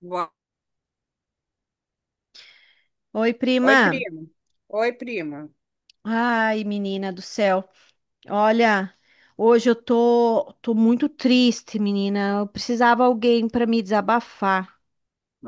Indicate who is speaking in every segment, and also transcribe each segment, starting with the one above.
Speaker 1: Boa-
Speaker 2: Oi,
Speaker 1: Oi,
Speaker 2: prima.
Speaker 1: prima. Oi, prima.
Speaker 2: Ai, menina do céu. Olha, hoje eu tô muito triste, menina. Eu precisava alguém para me desabafar.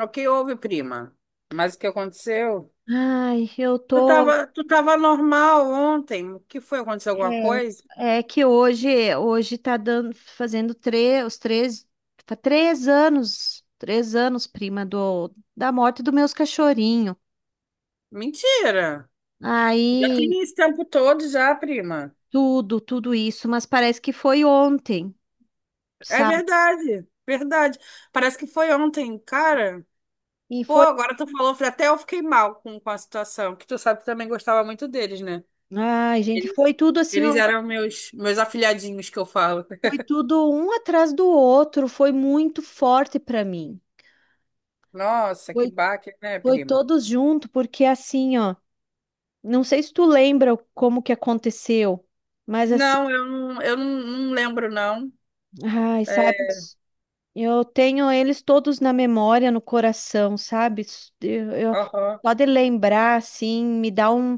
Speaker 1: O que houve, prima? Mas o que aconteceu?
Speaker 2: Ai, eu
Speaker 1: Tu
Speaker 2: tô.
Speaker 1: tava, tu tava normal ontem. O que foi? Aconteceu alguma coisa?
Speaker 2: É que hoje tá dando, fazendo três, os três, fa- três anos, prima, da morte dos meus cachorrinhos.
Speaker 1: Mentira! Já
Speaker 2: Aí,
Speaker 1: tem esse tempo todo já, prima.
Speaker 2: tudo isso, mas parece que foi ontem,
Speaker 1: É
Speaker 2: sabe?
Speaker 1: verdade, verdade. Parece que foi ontem, cara.
Speaker 2: E
Speaker 1: Pô,
Speaker 2: foi.
Speaker 1: agora tu falou, até eu fiquei mal com a situação, que tu sabe que também gostava muito deles, né?
Speaker 2: Ai, gente,
Speaker 1: Eles,
Speaker 2: foi tudo assim,
Speaker 1: eles
Speaker 2: ó.
Speaker 1: eram meus afilhadinhos que eu falo.
Speaker 2: Foi tudo um atrás do outro, foi muito forte para mim.
Speaker 1: Nossa, que
Speaker 2: Foi,
Speaker 1: baque, né,
Speaker 2: foi
Speaker 1: prima?
Speaker 2: todos junto, porque assim, ó, não sei se tu lembra como que aconteceu, mas assim,
Speaker 1: Não, eu não lembro, não.
Speaker 2: sabe,
Speaker 1: É,
Speaker 2: eu tenho eles todos na memória, no coração, sabe? Eu, eu-
Speaker 1: aham.
Speaker 2: só de lembrar, assim, me dá um,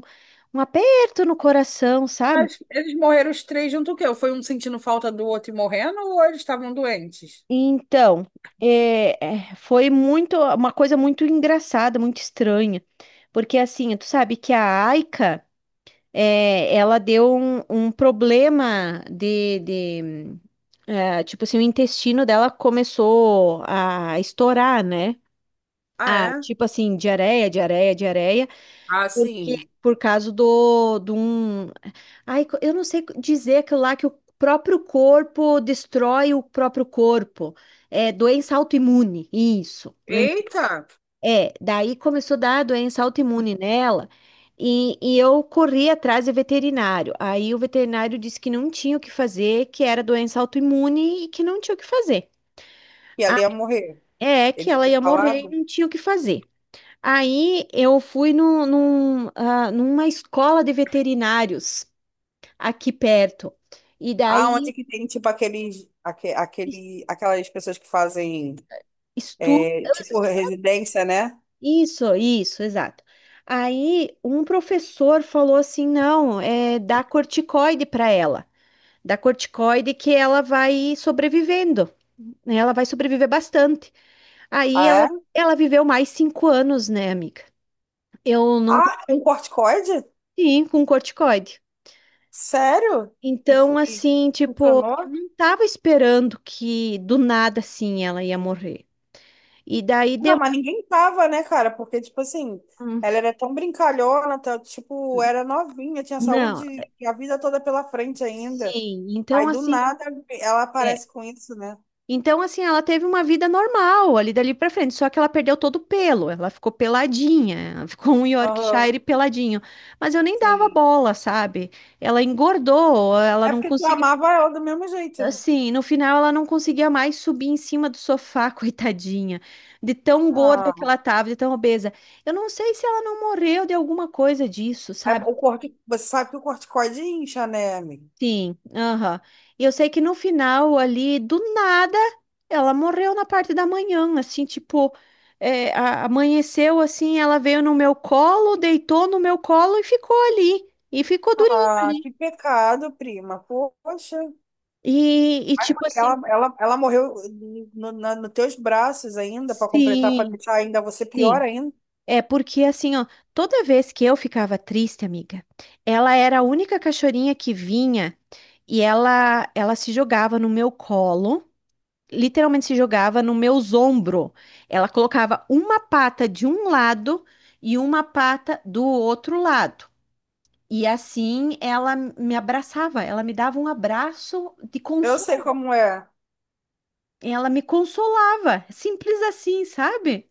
Speaker 2: um aperto no coração, sabe?
Speaker 1: Mas eles morreram os três junto o quê? Foi um sentindo falta do outro e morrendo, ou eles estavam doentes?
Speaker 2: Então, é, foi muito uma coisa muito engraçada, muito estranha, porque assim, tu sabe que a Aika, ela deu um problema de, é, tipo assim, o intestino dela começou a estourar, né?
Speaker 1: Ah,
Speaker 2: Ah,
Speaker 1: é?
Speaker 2: tipo assim, diarreia, diarreia, diarreia.
Speaker 1: Ah,
Speaker 2: Porque,
Speaker 1: sim.
Speaker 2: por causa do, de um. Ai, eu não sei dizer aquilo lá que o próprio corpo destrói o próprio corpo. É doença autoimune, isso. Lembra?
Speaker 1: Eita!
Speaker 2: É, daí começou a dar doença autoimune nela. E eu corri atrás do veterinário. Aí o veterinário disse que não tinha o que fazer, que era doença autoimune e que não tinha o que fazer.
Speaker 1: E ela ia morrer.
Speaker 2: É, que
Speaker 1: Eles
Speaker 2: ela
Speaker 1: tinham
Speaker 2: ia morrer e
Speaker 1: falado.
Speaker 2: não tinha o que fazer. Aí eu fui no, num, ah, numa escola de veterinários aqui perto. E
Speaker 1: Ah, onde
Speaker 2: daí
Speaker 1: que tem, tipo, aquelas pessoas que fazem,
Speaker 2: estudo,
Speaker 1: é, tipo, residência, né?
Speaker 2: isso, exato. Aí um professor falou assim: não, é dá corticoide para ela. Dá corticoide que ela vai sobrevivendo, né? Ela vai sobreviver bastante. Aí ela,
Speaker 1: Ah, é?
Speaker 2: ela viveu mais 5 anos, né, amiga? Eu não tô
Speaker 1: Ah, um corticoide?
Speaker 2: assim com corticoide.
Speaker 1: Sério? E,
Speaker 2: Então,
Speaker 1: e
Speaker 2: assim, tipo, eu
Speaker 1: funcionou?
Speaker 2: não tava esperando que do nada assim ela ia morrer. E daí
Speaker 1: Não,
Speaker 2: deu.
Speaker 1: mas ninguém tava, né, cara? Porque, tipo assim,
Speaker 2: Hum.
Speaker 1: ela era tão brincalhona, tá, tipo, era novinha, tinha
Speaker 2: Não,
Speaker 1: saúde e a vida toda pela frente ainda.
Speaker 2: sim. Então,
Speaker 1: Aí, do
Speaker 2: assim,
Speaker 1: nada, ela
Speaker 2: é.
Speaker 1: aparece com isso, né?
Speaker 2: Então, assim, ela teve uma vida normal ali dali pra frente, só que ela perdeu todo o pelo, ela ficou peladinha, ela ficou um
Speaker 1: Aham,
Speaker 2: Yorkshire peladinho. Mas eu nem dava
Speaker 1: sim.
Speaker 2: bola, sabe? Ela engordou, ela
Speaker 1: É
Speaker 2: não
Speaker 1: porque tu
Speaker 2: conseguiu.
Speaker 1: amava ela do mesmo jeito, né?
Speaker 2: Assim, no final ela não conseguia mais subir em cima do sofá, coitadinha, de tão gorda que
Speaker 1: Ah,
Speaker 2: ela tava, de tão obesa. Eu não sei se ela não morreu de alguma coisa disso,
Speaker 1: é,
Speaker 2: sabe?
Speaker 1: o corte, você sabe que o corticoide incha, né, amiga?
Speaker 2: Sim, aham. E eu sei que no final ali, do nada, ela morreu na parte da manhã, assim, tipo, amanheceu assim, ela veio no meu colo, deitou no meu colo e ficou ali, e ficou durinha
Speaker 1: Ah,
Speaker 2: ali.
Speaker 1: que pecado, prima. Poxa,
Speaker 2: E
Speaker 1: ai,
Speaker 2: tipo assim,
Speaker 1: ela morreu no, na, nos teus braços ainda, pra completar, pra
Speaker 2: sim,
Speaker 1: deixar ainda você pior
Speaker 2: sim.
Speaker 1: ainda.
Speaker 2: É porque assim, ó, toda vez que eu ficava triste, amiga, ela era a única cachorrinha que vinha e ela se jogava no meu colo, literalmente se jogava no meu ombro. Ela colocava uma pata de um lado e uma pata do outro lado. E assim ela me abraçava, ela me dava um abraço de
Speaker 1: Eu sei
Speaker 2: consolo,
Speaker 1: como é.
Speaker 2: ela me consolava, simples assim, sabe?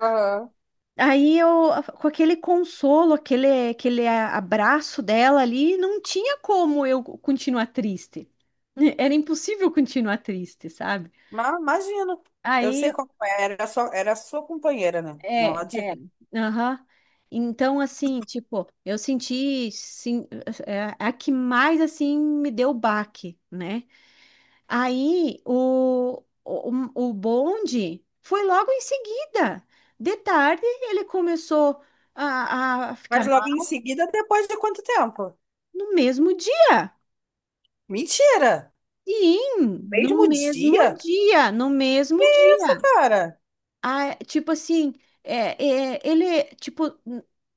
Speaker 1: Aham.
Speaker 2: Aí eu, com aquele consolo, aquele abraço dela ali, não tinha como eu continuar triste. Era impossível continuar triste, sabe?
Speaker 1: Mas imagino. Eu
Speaker 2: Aí,
Speaker 1: sei como é. Era sua companheira, né? Não
Speaker 2: é, é,
Speaker 1: adianta.
Speaker 2: aham. Então, assim, tipo, eu senti, sim, é a que mais, assim, me deu baque, né? Aí, o bonde foi logo em seguida. De tarde, ele começou a ficar.
Speaker 1: Mas logo em seguida, depois de quanto tempo?
Speaker 2: No mesmo dia.
Speaker 1: Mentira!
Speaker 2: Sim, no
Speaker 1: Mesmo
Speaker 2: mesmo
Speaker 1: dia?
Speaker 2: dia, no mesmo
Speaker 1: Isso,
Speaker 2: dia.
Speaker 1: cara.
Speaker 2: Ah, tipo assim, ele, tipo,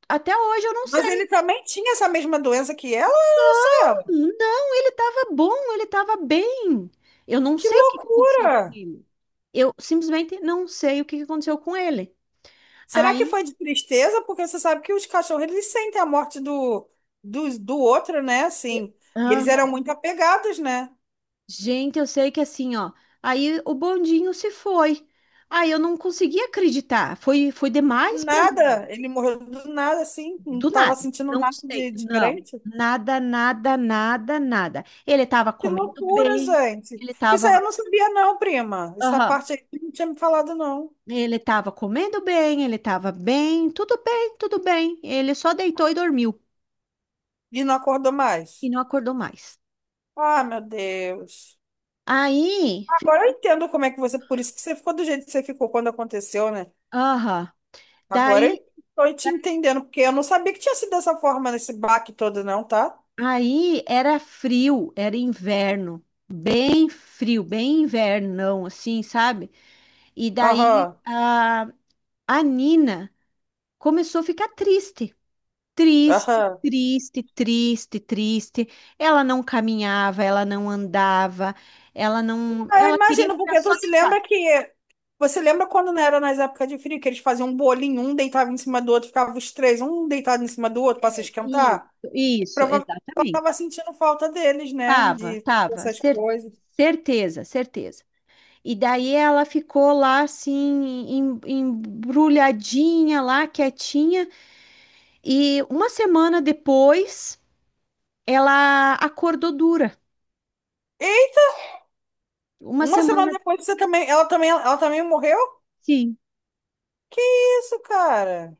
Speaker 2: até hoje eu não
Speaker 1: Mas ele
Speaker 2: sei.
Speaker 1: também tinha essa mesma doença que ela, olha só
Speaker 2: Não,
Speaker 1: ela.
Speaker 2: não, ele tava bom, ele tava bem. Eu não
Speaker 1: Que
Speaker 2: sei o que que aconteceu
Speaker 1: loucura!
Speaker 2: com ele. Eu simplesmente não sei o que que aconteceu com ele.
Speaker 1: Será que
Speaker 2: Aí,
Speaker 1: foi de tristeza? Porque você sabe que os cachorros, eles sentem a morte do outro, né?
Speaker 2: eu-
Speaker 1: Assim. E eles
Speaker 2: Aham.
Speaker 1: eram muito apegados, né?
Speaker 2: Gente, eu sei que assim, ó, aí o bondinho se foi. Aí eu não consegui acreditar, foi demais
Speaker 1: Do
Speaker 2: pra mim.
Speaker 1: nada. Ele morreu do nada, assim. Não
Speaker 2: Do
Speaker 1: tava
Speaker 2: nada.
Speaker 1: sentindo
Speaker 2: Não
Speaker 1: nada
Speaker 2: sei.
Speaker 1: de
Speaker 2: Não.
Speaker 1: diferente.
Speaker 2: Nada, nada, nada, nada. Ele estava
Speaker 1: Que
Speaker 2: comendo
Speaker 1: loucura,
Speaker 2: bem.
Speaker 1: gente.
Speaker 2: Ele
Speaker 1: Isso aí eu
Speaker 2: estava.
Speaker 1: não sabia, não, prima. Essa
Speaker 2: Aham.
Speaker 1: parte aí não tinha me falado, não.
Speaker 2: Ele estava comendo bem. Ele estava bem. Tudo bem, tudo bem. Ele só deitou e dormiu.
Speaker 1: E não acordou mais.
Speaker 2: E não acordou mais.
Speaker 1: Ah, meu Deus.
Speaker 2: Aí.
Speaker 1: Agora eu entendo como é que você. Por isso que você ficou do jeito que você ficou quando aconteceu, né?
Speaker 2: Aham.
Speaker 1: Agora eu
Speaker 2: Daí.
Speaker 1: estou te
Speaker 2: da-
Speaker 1: entendendo, porque eu não sabia que tinha sido dessa forma nesse baque todo, não, tá?
Speaker 2: Aí era frio. Era inverno. Bem frio. Bem invernão, assim, sabe? E daí
Speaker 1: Aham.
Speaker 2: a Nina começou a ficar triste. Triste,
Speaker 1: Aham.
Speaker 2: triste, triste, triste. Ela não caminhava, ela não andava, ela não,
Speaker 1: Eu
Speaker 2: ela queria
Speaker 1: imagino,
Speaker 2: ficar
Speaker 1: porque
Speaker 2: só
Speaker 1: tu se
Speaker 2: deitada.
Speaker 1: lembra que. Você lembra quando não era nas épocas de frio, que eles faziam um bolinho, um deitava em cima do outro, ficavam os três, um deitado em cima do outro para se
Speaker 2: Isso,
Speaker 1: esquentar?
Speaker 2: isso,
Speaker 1: Provavelmente ela
Speaker 2: exatamente.
Speaker 1: estava sentindo falta deles, né?
Speaker 2: Tava,
Speaker 1: De
Speaker 2: tava,
Speaker 1: essas coisas.
Speaker 2: certeza, certeza. E daí ela ficou lá assim, embrulhadinha lá, quietinha, e uma semana depois ela acordou dura. Uma
Speaker 1: Uma semana
Speaker 2: semana,
Speaker 1: depois você também, ela também, ela também morreu?
Speaker 2: sim.
Speaker 1: Que isso, cara?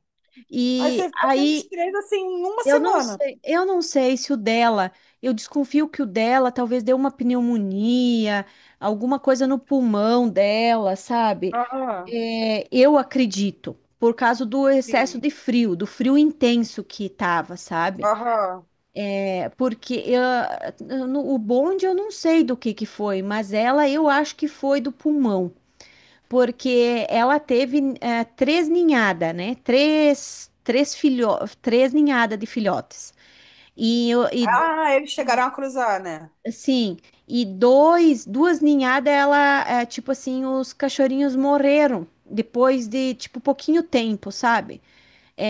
Speaker 1: Aí
Speaker 2: E
Speaker 1: você ficou tendo
Speaker 2: aí
Speaker 1: os três assim em uma
Speaker 2: eu não
Speaker 1: semana.
Speaker 2: sei, se o dela, eu desconfio que o dela talvez deu uma pneumonia, alguma coisa no pulmão dela, sabe?
Speaker 1: Aham,
Speaker 2: É, eu acredito, por causa do excesso
Speaker 1: sim.
Speaker 2: de frio, do frio intenso que tava, sabe?
Speaker 1: Aham.
Speaker 2: É, porque ah, o bonde eu não sei do que foi, mas ela eu acho que foi do pulmão, porque ela teve eh, três ninhadas, né? Três ninhadas de filhotes. E
Speaker 1: Ah, eles chegaram a cruzar, né?
Speaker 2: assim, duas ninhadas, ela, é, tipo assim, os cachorrinhos morreram depois de, tipo, pouquinho tempo, sabe?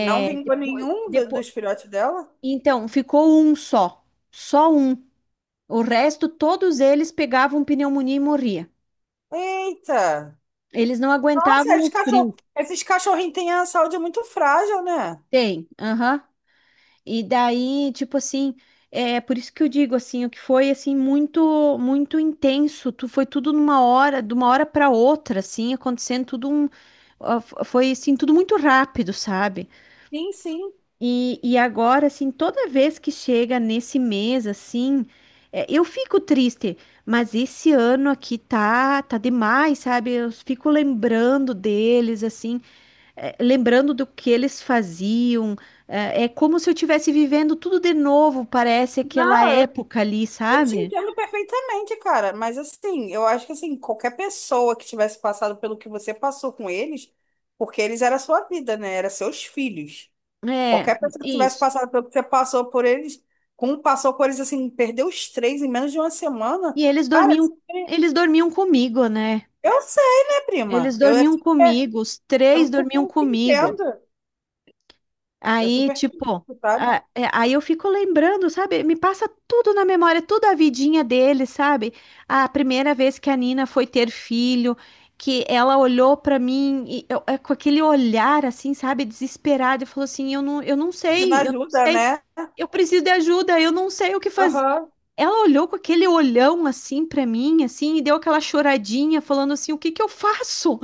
Speaker 1: Não vingou nenhum dos filhotes dela?
Speaker 2: então, ficou um só, só um. O resto, todos eles pegavam pneumonia e morria.
Speaker 1: Eita!
Speaker 2: Eles não aguentavam
Speaker 1: Nossa,
Speaker 2: o frio.
Speaker 1: esses cachorrinhos têm a saúde muito frágil, né?
Speaker 2: Tem, aham. E daí, tipo assim, é por isso que eu digo assim, o que foi assim muito muito intenso, tu foi tudo numa hora, de uma hora para outra, assim, acontecendo tudo foi assim tudo muito rápido, sabe?
Speaker 1: Sim, sim.
Speaker 2: E agora assim, toda vez que chega nesse mês assim, é, eu fico triste, mas esse ano aqui tá demais, sabe? Eu fico lembrando deles assim, é, lembrando do que eles faziam. É como se eu estivesse vivendo tudo de novo, parece aquela
Speaker 1: Não,
Speaker 2: época ali,
Speaker 1: eu te
Speaker 2: sabe?
Speaker 1: entendo perfeitamente, cara, mas assim, eu acho que assim, qualquer pessoa que tivesse passado pelo que você passou com eles, porque eles era sua vida, né? Era seus filhos.
Speaker 2: É,
Speaker 1: Qualquer pessoa que tivesse
Speaker 2: isso.
Speaker 1: passado pelo que você passou por eles, como passou por eles assim, perdeu os três em menos de uma semana,
Speaker 2: E
Speaker 1: cara, assim,
Speaker 2: eles dormiam comigo, né?
Speaker 1: eu sei, né,
Speaker 2: Eles
Speaker 1: prima?
Speaker 2: dormiam comigo, os três
Speaker 1: Eu
Speaker 2: dormiam
Speaker 1: super te
Speaker 2: comigo.
Speaker 1: entendo. Eu
Speaker 2: Aí,
Speaker 1: super te
Speaker 2: tipo,
Speaker 1: entendo, sabe?
Speaker 2: aí eu fico lembrando, sabe? Me passa tudo na memória, tudo a vidinha dele, sabe? A primeira vez que a Nina foi ter filho, que ela olhou pra mim com aquele olhar assim, sabe, desesperada, e falou assim: eu não
Speaker 1: Pedindo
Speaker 2: sei, eu não
Speaker 1: ajuda,
Speaker 2: sei.
Speaker 1: né?
Speaker 2: Eu preciso de ajuda, eu não sei o que fazer".
Speaker 1: Aham,
Speaker 2: Ela olhou com aquele olhão assim pra mim, assim, e deu aquela choradinha, falando assim: "O que que eu faço?"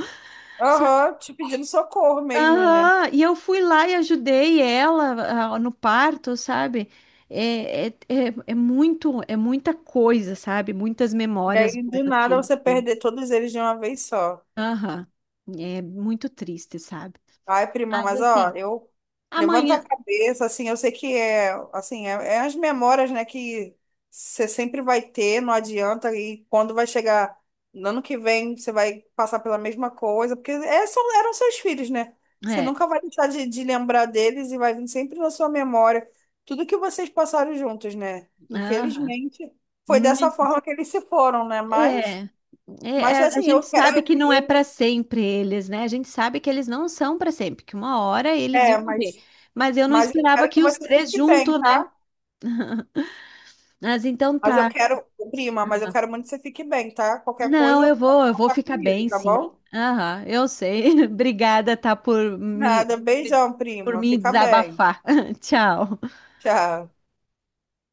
Speaker 1: aham, te pedindo socorro mesmo, né?
Speaker 2: Aham, e eu fui lá e ajudei ela, ah, no parto, sabe? É muita coisa, sabe? Muitas
Speaker 1: E
Speaker 2: memórias
Speaker 1: aí, do
Speaker 2: boas que
Speaker 1: nada,
Speaker 2: ele
Speaker 1: você
Speaker 2: tem.
Speaker 1: perder todos eles de uma vez só.
Speaker 2: Aham, é muito triste, sabe?
Speaker 1: Ai, prima,
Speaker 2: Mas
Speaker 1: mas ó,
Speaker 2: assim,
Speaker 1: eu levanto a
Speaker 2: amanhã,
Speaker 1: cabeça, assim, eu sei que é, assim, é as memórias, né, que você sempre vai ter, não adianta, e quando vai chegar no ano que vem, você vai passar pela mesma coisa, porque são, eram seus filhos, né? Você
Speaker 2: é,
Speaker 1: nunca vai deixar de lembrar deles e vai vir sempre na sua memória tudo que vocês passaram juntos, né?
Speaker 2: aham,
Speaker 1: Infelizmente, foi dessa
Speaker 2: muitos,
Speaker 1: forma que eles se foram, né? Mas.
Speaker 2: é,
Speaker 1: Mas
Speaker 2: a
Speaker 1: assim,
Speaker 2: gente
Speaker 1: eu,
Speaker 2: sabe que não é
Speaker 1: eu,
Speaker 2: para sempre eles, né? A gente sabe que eles não são para sempre, que uma hora eles iam
Speaker 1: É,
Speaker 2: morrer.
Speaker 1: mas,
Speaker 2: Mas eu não
Speaker 1: mas eu
Speaker 2: esperava
Speaker 1: quero que
Speaker 2: que os
Speaker 1: você
Speaker 2: três
Speaker 1: fique bem,
Speaker 2: juntos, né?
Speaker 1: tá?
Speaker 2: Mas então
Speaker 1: Mas eu
Speaker 2: tá.
Speaker 1: quero, prima, mas eu quero muito que você fique bem, tá? Qualquer coisa,
Speaker 2: Não,
Speaker 1: eu
Speaker 2: eu vou, eu
Speaker 1: vou
Speaker 2: vou
Speaker 1: falar
Speaker 2: ficar
Speaker 1: comigo,
Speaker 2: bem,
Speaker 1: tá
Speaker 2: sim.
Speaker 1: bom?
Speaker 2: Aham, eu sei. Obrigada, tá,
Speaker 1: Nada, beijão,
Speaker 2: por
Speaker 1: prima.
Speaker 2: me
Speaker 1: Fica bem.
Speaker 2: desabafar. Tchau.
Speaker 1: Tchau.